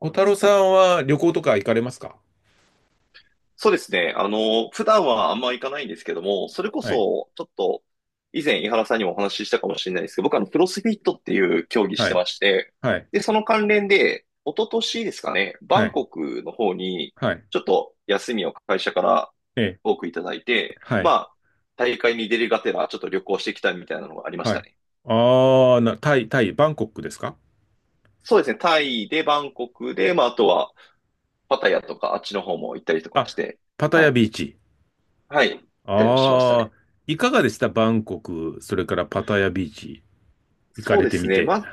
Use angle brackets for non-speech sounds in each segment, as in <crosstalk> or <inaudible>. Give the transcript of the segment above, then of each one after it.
小太郎さんは旅行とか行かれますか？そうですね。普段はあんま行かないんですけども、それこはい、そ、ちょっと、以前、井原さんにもお話ししたかもしれないですけど、僕はクロスフィットっていう競技しはてい、まして、はい、で、その関連で、一昨年ですかね、バはンい、コクの方に、はい、ちょっと休みを会社からええ、多くいただいて、はまい、あ、大会に出るがてら、ちょっと旅行してきたみたいなのがありましはたい。ね。ああ、タイ、バンコクですか？そうですね。タイで、バンコクで、まあ、あとは、パタヤとか、あっちの方も行ったりとかあ、して、パタはヤい。ビーチ。はい。行ったりもしましたああ、ね。いかがでしたバンコク、それからパタヤビーチ、行かそうれでてすみね。て。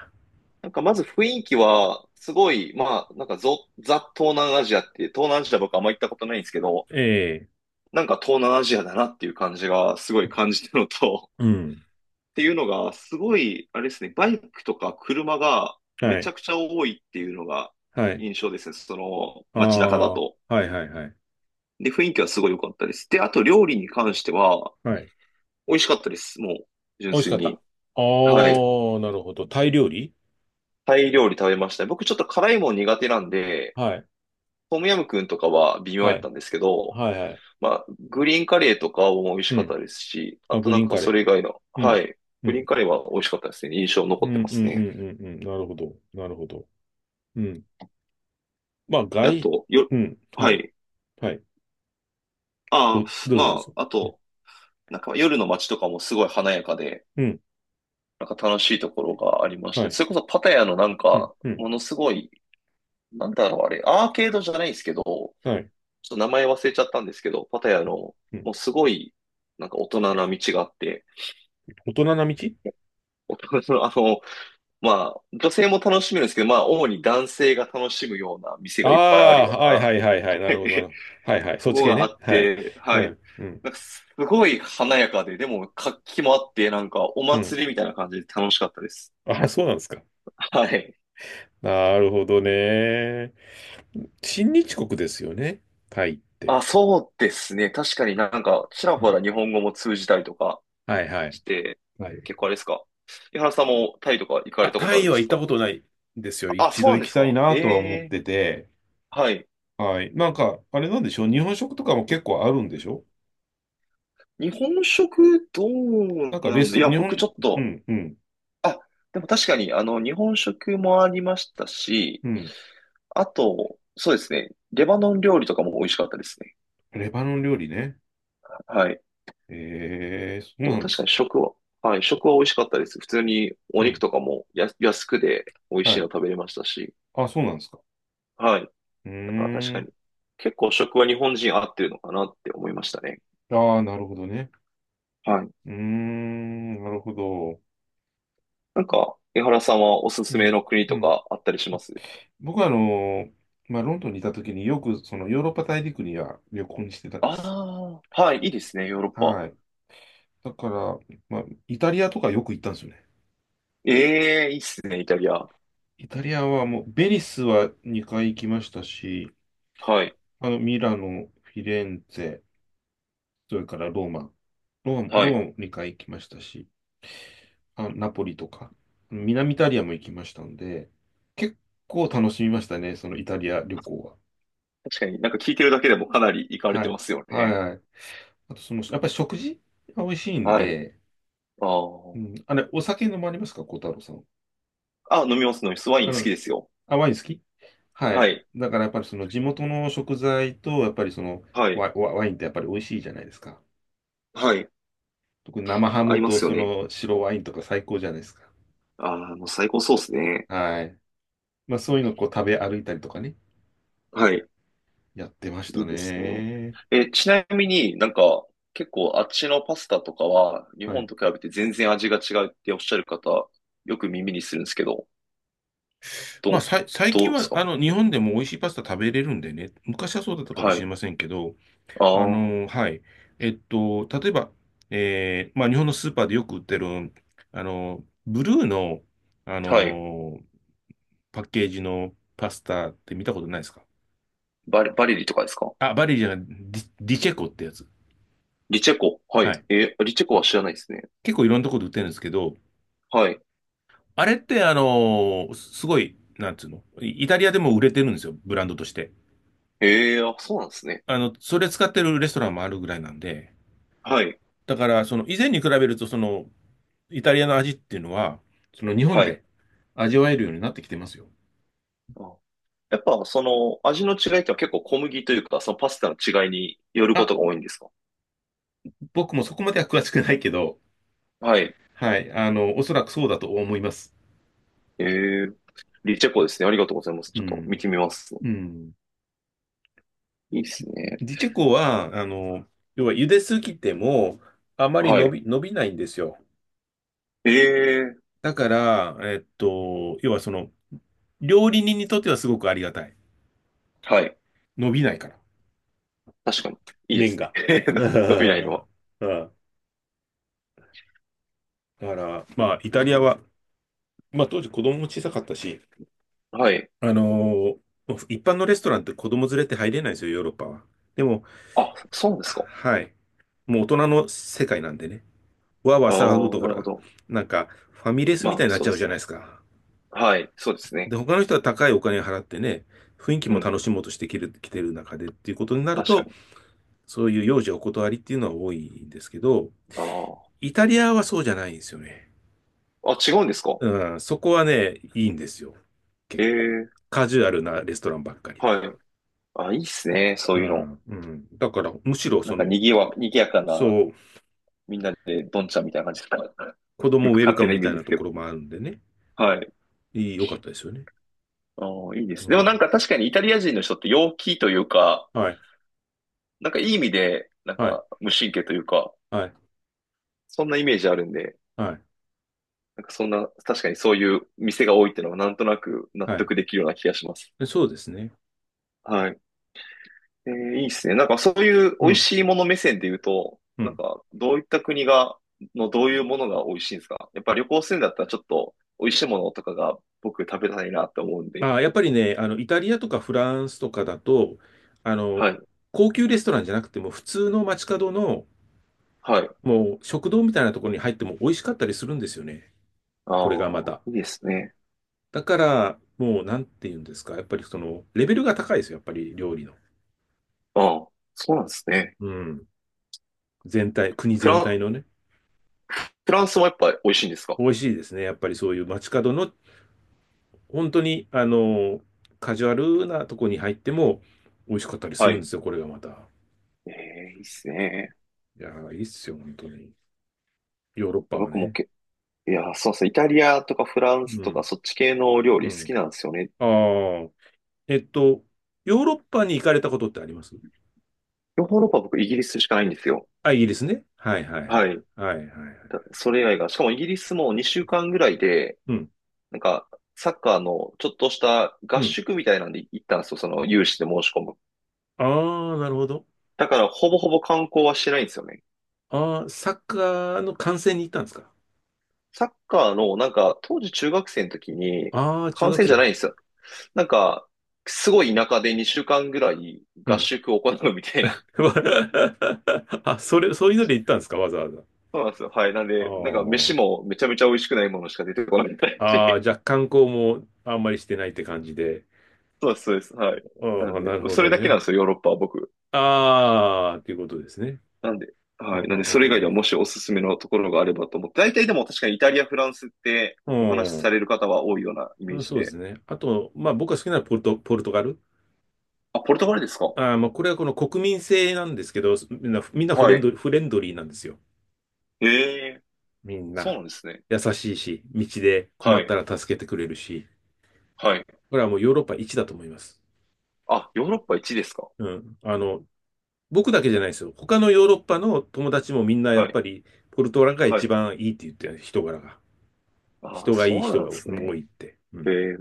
なんかまず雰囲気は、すごい、まあ、なんかザ・東南アジアっていう、東南アジア僕あんま行ったことないんですけど、ええ、なんか東南アジアだなっていう感じがすごい感じたのと、うん。<laughs> っていうのが、すごい、あれですね、バイクとか車がめはちゃい、くちゃ多いっていうのがはい。印象ですね、そのあ街中だあ、はと。い、はい、はい。で、雰囲気はすごい良かったです。で、あと料理に関しては、はい。美味しかったです、もう、純美味し粋かった。ああ、に。はい。なるほど。タイ料理？タイ料理食べました。僕ちょっと辛いもん苦手なんで、はい、トムヤムクンとかは微妙やはっい、たんですけど、はい、はい。まあ、グリーンカレーとかも美味しうかっん。たですし、ああ、とグなリんーンかカそレれ以外の、ー。うはん。い。うグリーンんカレーは美味しかったですね。印象残うっんてうまんすうね。んうんうん。なるほど。なるほど。うん。まあ、であ外、と、よ、うん。ははい。い。はい。ああ、どうまぞどうぞ。あ、あと、なんか夜の街とかもすごい華やかで、うん。なんか楽しいところがありましはて、い。それこそパタヤのなんうん。か、うん。ものすごい、なんだろうあれ、アーケードじゃないですけど、ちょはい。っと名前忘れちゃったんですけど、パタヤの、うん。もうすごい、なんか大人な道があって、大人な道？ <laughs> 大人のまあ、女性も楽しめるんですけど、まあ、主に男性が楽しむような店がいっぱいあるあよあー、うな、<laughs> はいははいはいはい。なるほど、なるいほど。はいはい。そっとちこ系があね。っはい。て、うはい。ん。うん。なんか、すごい華やかで、でも、活気もあって、なんか、おうん。祭りみたいな感じで楽しかったです。ああ、そうなんですか。はい。なるほどね。親日国ですよね。タイっあ、て。そうですね。確かになんか、ちらうほん。ら日本語も通じたりとかはいはい。して、はい。結構あれですか。井原さんもタイとか行かあ、れたこタとあるイんでは行すったか？ことないんですよ。あ、一そう度なん行できすたいか。なえとは思っえてて。はい。はい。なんか、あれなんでしょう日本食とかも結構あるんでしょ？日本食どうなんかなレんスだいト、や、日僕ち本、ょっうとん、うん、あ、でも確かに、日本食もありましたし、うん。あと、そうですね、レバノン料理とかも美味しかったですね。レバノン料理ね。はい。ええそうでもなんで確かす。に食は、はい、食は美味しかったです。普通におう肉ん。とかもや安くで美味はしいのい。食べれましたし、あ、そうなんですか。はい。うなんか確ーかん。に、結構食は日本人合ってるのかなって思いましたね。ああ、なるほどね。はい。うーん、なるほど。なんか、江原さんはおすうすめん、の国うとん。かあったりします？僕はーまあ、ロンドンにいた時によくそのヨーロッパ大陸には旅行にしてたんです。ああー、はい、いいですね、ヨーロッパ。はい。だから、まあ、イタリアとかよく行ったんですよね。ええ、いいっすね、イタリア。イタリアはもう、ベニスは2回行きましたし、はい、あの、ミラノ、フィレンツェ、それからローマ。ローマも、はローマい。も2回行きましたし、あ、ナポリとか、南イタリアも行きましたんで、結構楽しみましたね、そのイタリア旅行は。確かになんか聞いてるだけでもかなり行かれはてい。ますよはいね。はい。あと、その、やっぱり食事が美味しいんはい。で、あうあ。ん、あれ、お酒飲まれますか、小太郎さん？あ、飲みます、飲みます。ワイあン好きの、ですよ。あ、ワイン好き？ははい。い。だからやっぱりその地元の食材と、やっぱりそのはい。ワワインってやっぱり美味しいじゃないですか。はい。特に生ハ合ムいまとすよそね。の白ワインとか最高じゃないですか。ああ、もう最高そうですね。はい。まあそういうのをこう食べ歩いたりとかね、はい。やってましいたいですね。ね。え、ちなみになんか結構あっちのパスタとかは日は本い。と比べて全然味が違うっておっしゃる方よく耳にするんですけど、まどあ、う、最近どうですは、か？あの、日本でも美味しいパスタ食べれるんでね、昔はそうだったかもはしれい。ませんけど、ああ、あはの、はい。例えば、まあ、日本のスーパーでよく売ってる、あの、ブルーの、あい。の、パッケージのパスタって見たことないですか？バレリとかですか？あ、バリーじゃない、ディチェコってやつ。リチェコ。ははい。い。え、リチェコは知らないですね。結構いろんなところで売ってるんですけど、はい。あれって、すごい、なんつうの、イイタリアでも売れてるんですよ、ブランドとして。ええ、あ、そうなんですね。あの、それ使ってるレストランもあるぐらいなんで、はい。だから、その、以前に比べると、その、イタリアの味っていうのは、その、日本はい。で味わえるようになってきてますよ。あ、やっぱ、その、味の違いっては結構小麦というか、そのパスタの違いによるこあ、とが多いんですか？僕もそこまでは詳しくないけど、はい。はい、おそらくそうだと思います。ええ、リチェコですね。ありがとうございます。うちょっと見ん。てみます。うん。いいですね。ディチェコは、要は、茹ですぎても、あまりはい。伸びないんですよ。ええ、だから、要はその、料理人にとってはすごくありがたい。はい。伸びないから、確かに。いいで麺すね。が。<laughs> う <laughs> 伸びないのは。ん。だから、まあ、イタリアは、まあ、当時子供も小さかったし、はい。あのー一般のレストランって子供連れって入れないんですよ、ヨーロッパは。でも、あ、そうなんですか。はい。もう大人の世界なんでね。わーわあー騒ぐあ、とほなるほら、ど。なんか、ファミレスまみたあ、いになっそちうゃでうじゃすなね。いですか。はい。そうですね。で、他の人は高いお金払ってね、雰囲気うも楽ん。しもうとして来てる中でっていうことになる確かと、に。そういう幼児お断りっていうのは多いんですけど、あイタリアはそうじゃないんですよね。あ。あ、違うんですか？うん、そこはね、いいんですよ。え結構。え、カジュアルなレストランばっかりで。はい。あ、いいっすね。そうういうの。ん、うん。だから、むしろその、にぎやかそな、う、みんなで、どんちゃんみたいな感じですか。子よ供ウくェル勝カ手ムなイみメたーいジでなすとけこど。ろもあるんでね。はい。良かったですよね。あーいいでうすね。でもなん。んか確かにイタリア人の人って陽気というか、はい、なんかいい意味で、なんはい、か無神経というか、はい、そんなイメージあるんで、はい、なんかそんな、確かにそういう店が多いっていうのはなんとなく納はい。得できるような気がします。でそうですね。はい。えーいいっすね。なんかそういう美う味ん、しいもの目線で言うと、うなんん。かどういった国が、のどういうものが美味しいんですか？やっぱ旅行するんだったらちょっと美味しいものとかが僕食べたいなって思うんで。やっぱりね、あの、イタリアとかフランスとかだと、あの、はい。高級レストランじゃなくても、普通の街角の、はい。もう食堂みたいなところに入っても美味しかったりするんですよね。あこれがまあ、た。いいですね。だから、もう、なんて言うんですか。やっぱりその、レベルが高いですよ。やっぱり料理の。ああ、そうなんですね。うん。全体、国全フ体のね。ランスもやっぱ美味しいんですか？美味しいですね。やっぱりそういう街角の、本当に、あの、カジュアルなとこに入っても、美味しかったりすはるんい。ですよ。これがまた。ええ、いいっすね。いやー、いいっすよ。本当に。ヨーロッパは僕もね。け、いや、そうそう、イタリアとかフランスうとかん。そっち系の料う理好ん。きなんですよね。ああ。えっと、ヨーロッパに行かれたことってあります？ヨーロッパは僕イギリスしかないんですよ。あ、イギリスね。はいはいはい。はい。はいはいはい。それ以外が、しかもイギリスも2週間ぐらいで、うん。なんか、サッカーのちょっとしたう合ん。宿みたいなんで行ったんですよ、その有志で申し込む。ああ、なるほど。だから、ほぼほぼ観光はしてないんですよね。ああ、サッカーの観戦に行ったんですか？サッカーの、なんか、当時中学生の時に、ああー、中観学戦じゃな生。いんですよ。なんか、すごい田舎で2週間ぐらいう合ん。宿を行うみたいな。<laughs> あ、そういうので行ったんですか？わざわざ。<laughs> そうなんですよ。はい。なんで、なんか飯あもめちゃめちゃ美味しくないものしか出てこないみたいあ、し。ああ、じゃあ観光もあんまりしてないって感じで。<laughs> そうです、そうです。はい。なあんあ、なで、るほそれどだけなね。んですよ、ヨーロッパは僕。ああ、っていうことですね。なんで、うはんい。うなんで、それ以外んでうはんもしおすすめのところがあればと思って、大体でも確かにイタリア、フランスってうお話しさんれる方は多いようなイメうーん、ジそうでで。すね。あと、まあ僕が好きなのはポルトガル。あ、ポルトガルですか？まあこれはこの国民性なんですけど、みんな、みんなはい。フレンドリーなんですよ。へえ、みんそうな。なんですね。優しいし、道で困はったい。ら助けてくれるし。はい。これはもうヨーロッパ一だと思います。あ、ヨーロッパ1ですか？うん。あの、僕だけじゃないですよ。他のヨーロッパの友達もみんなやっはい。ぱり、ポルトガルがは一い。番いいって言ってる、人柄が。あ、人がそいいう人なんがで多すね。いって。うえん。え、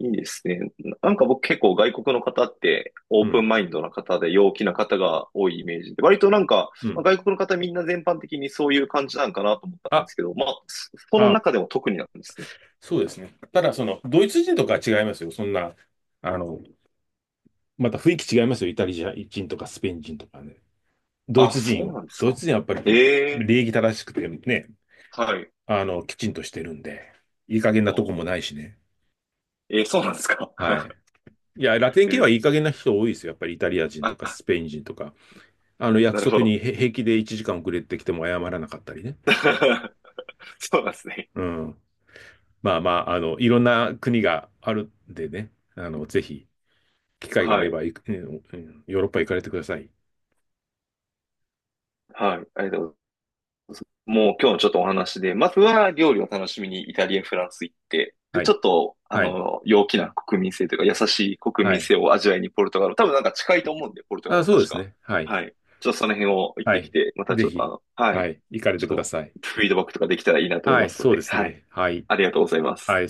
いいですね。なんか僕結構外国の方ってオうープん。ンマインドな方で陽気な方が多いイメージで、割となんかうまあん。外国の方みんな全般的にそういう感じなんかなと思ったんであ、すけど、まあ、そのあ、中でも特になんですね。そうですね。ただ、その、ドイツ人とかは違いますよ。そんな、あの、また雰囲気違いますよ。イタリア人とかスペイン人とかね。ドイあ、ツそう人は。なんですドイか。ツ人はやっぱりええ礼儀正しくてね、はい。あの、きちんとしてるんで、いい加減なとこお、もないしね。えーそうなんですか。はい。<laughs> いや、ラテンえ系はーいい加減な人多いですよ。やっぱりイタリア人とかあ、スペイン人とか。あの、な約るほ束ど。にへ平気で1時間遅れてきても謝らなかったりね。<laughs> そうなんですね。うん。まあまあ、あの、いろんな国があるんでね。あの、ぜひ、機会があはれい。ばうんうんヨーロッパ行かれてください。はい。ありがとうございます。もう今日のちょっとお話で、まずは料理を楽しみにイタリア、フランス行って、で、はちょい。っと、あはい。の、陽気な国民性というか、優しい国は民い。性を味わいにポルトガル、多分なんか近いと思うんで、ポルトガルあ、もそうで確すか。ね。はい。はい。ちょっとその辺を行っはてきい。て、またちぜょっとあひ、の、ははい。い。行かれちてょっくだと、さい。フィードバックとかできたらいいなと思いはまい。すのそうでで、すはい。ね。はい。ありがとうございまはす。い。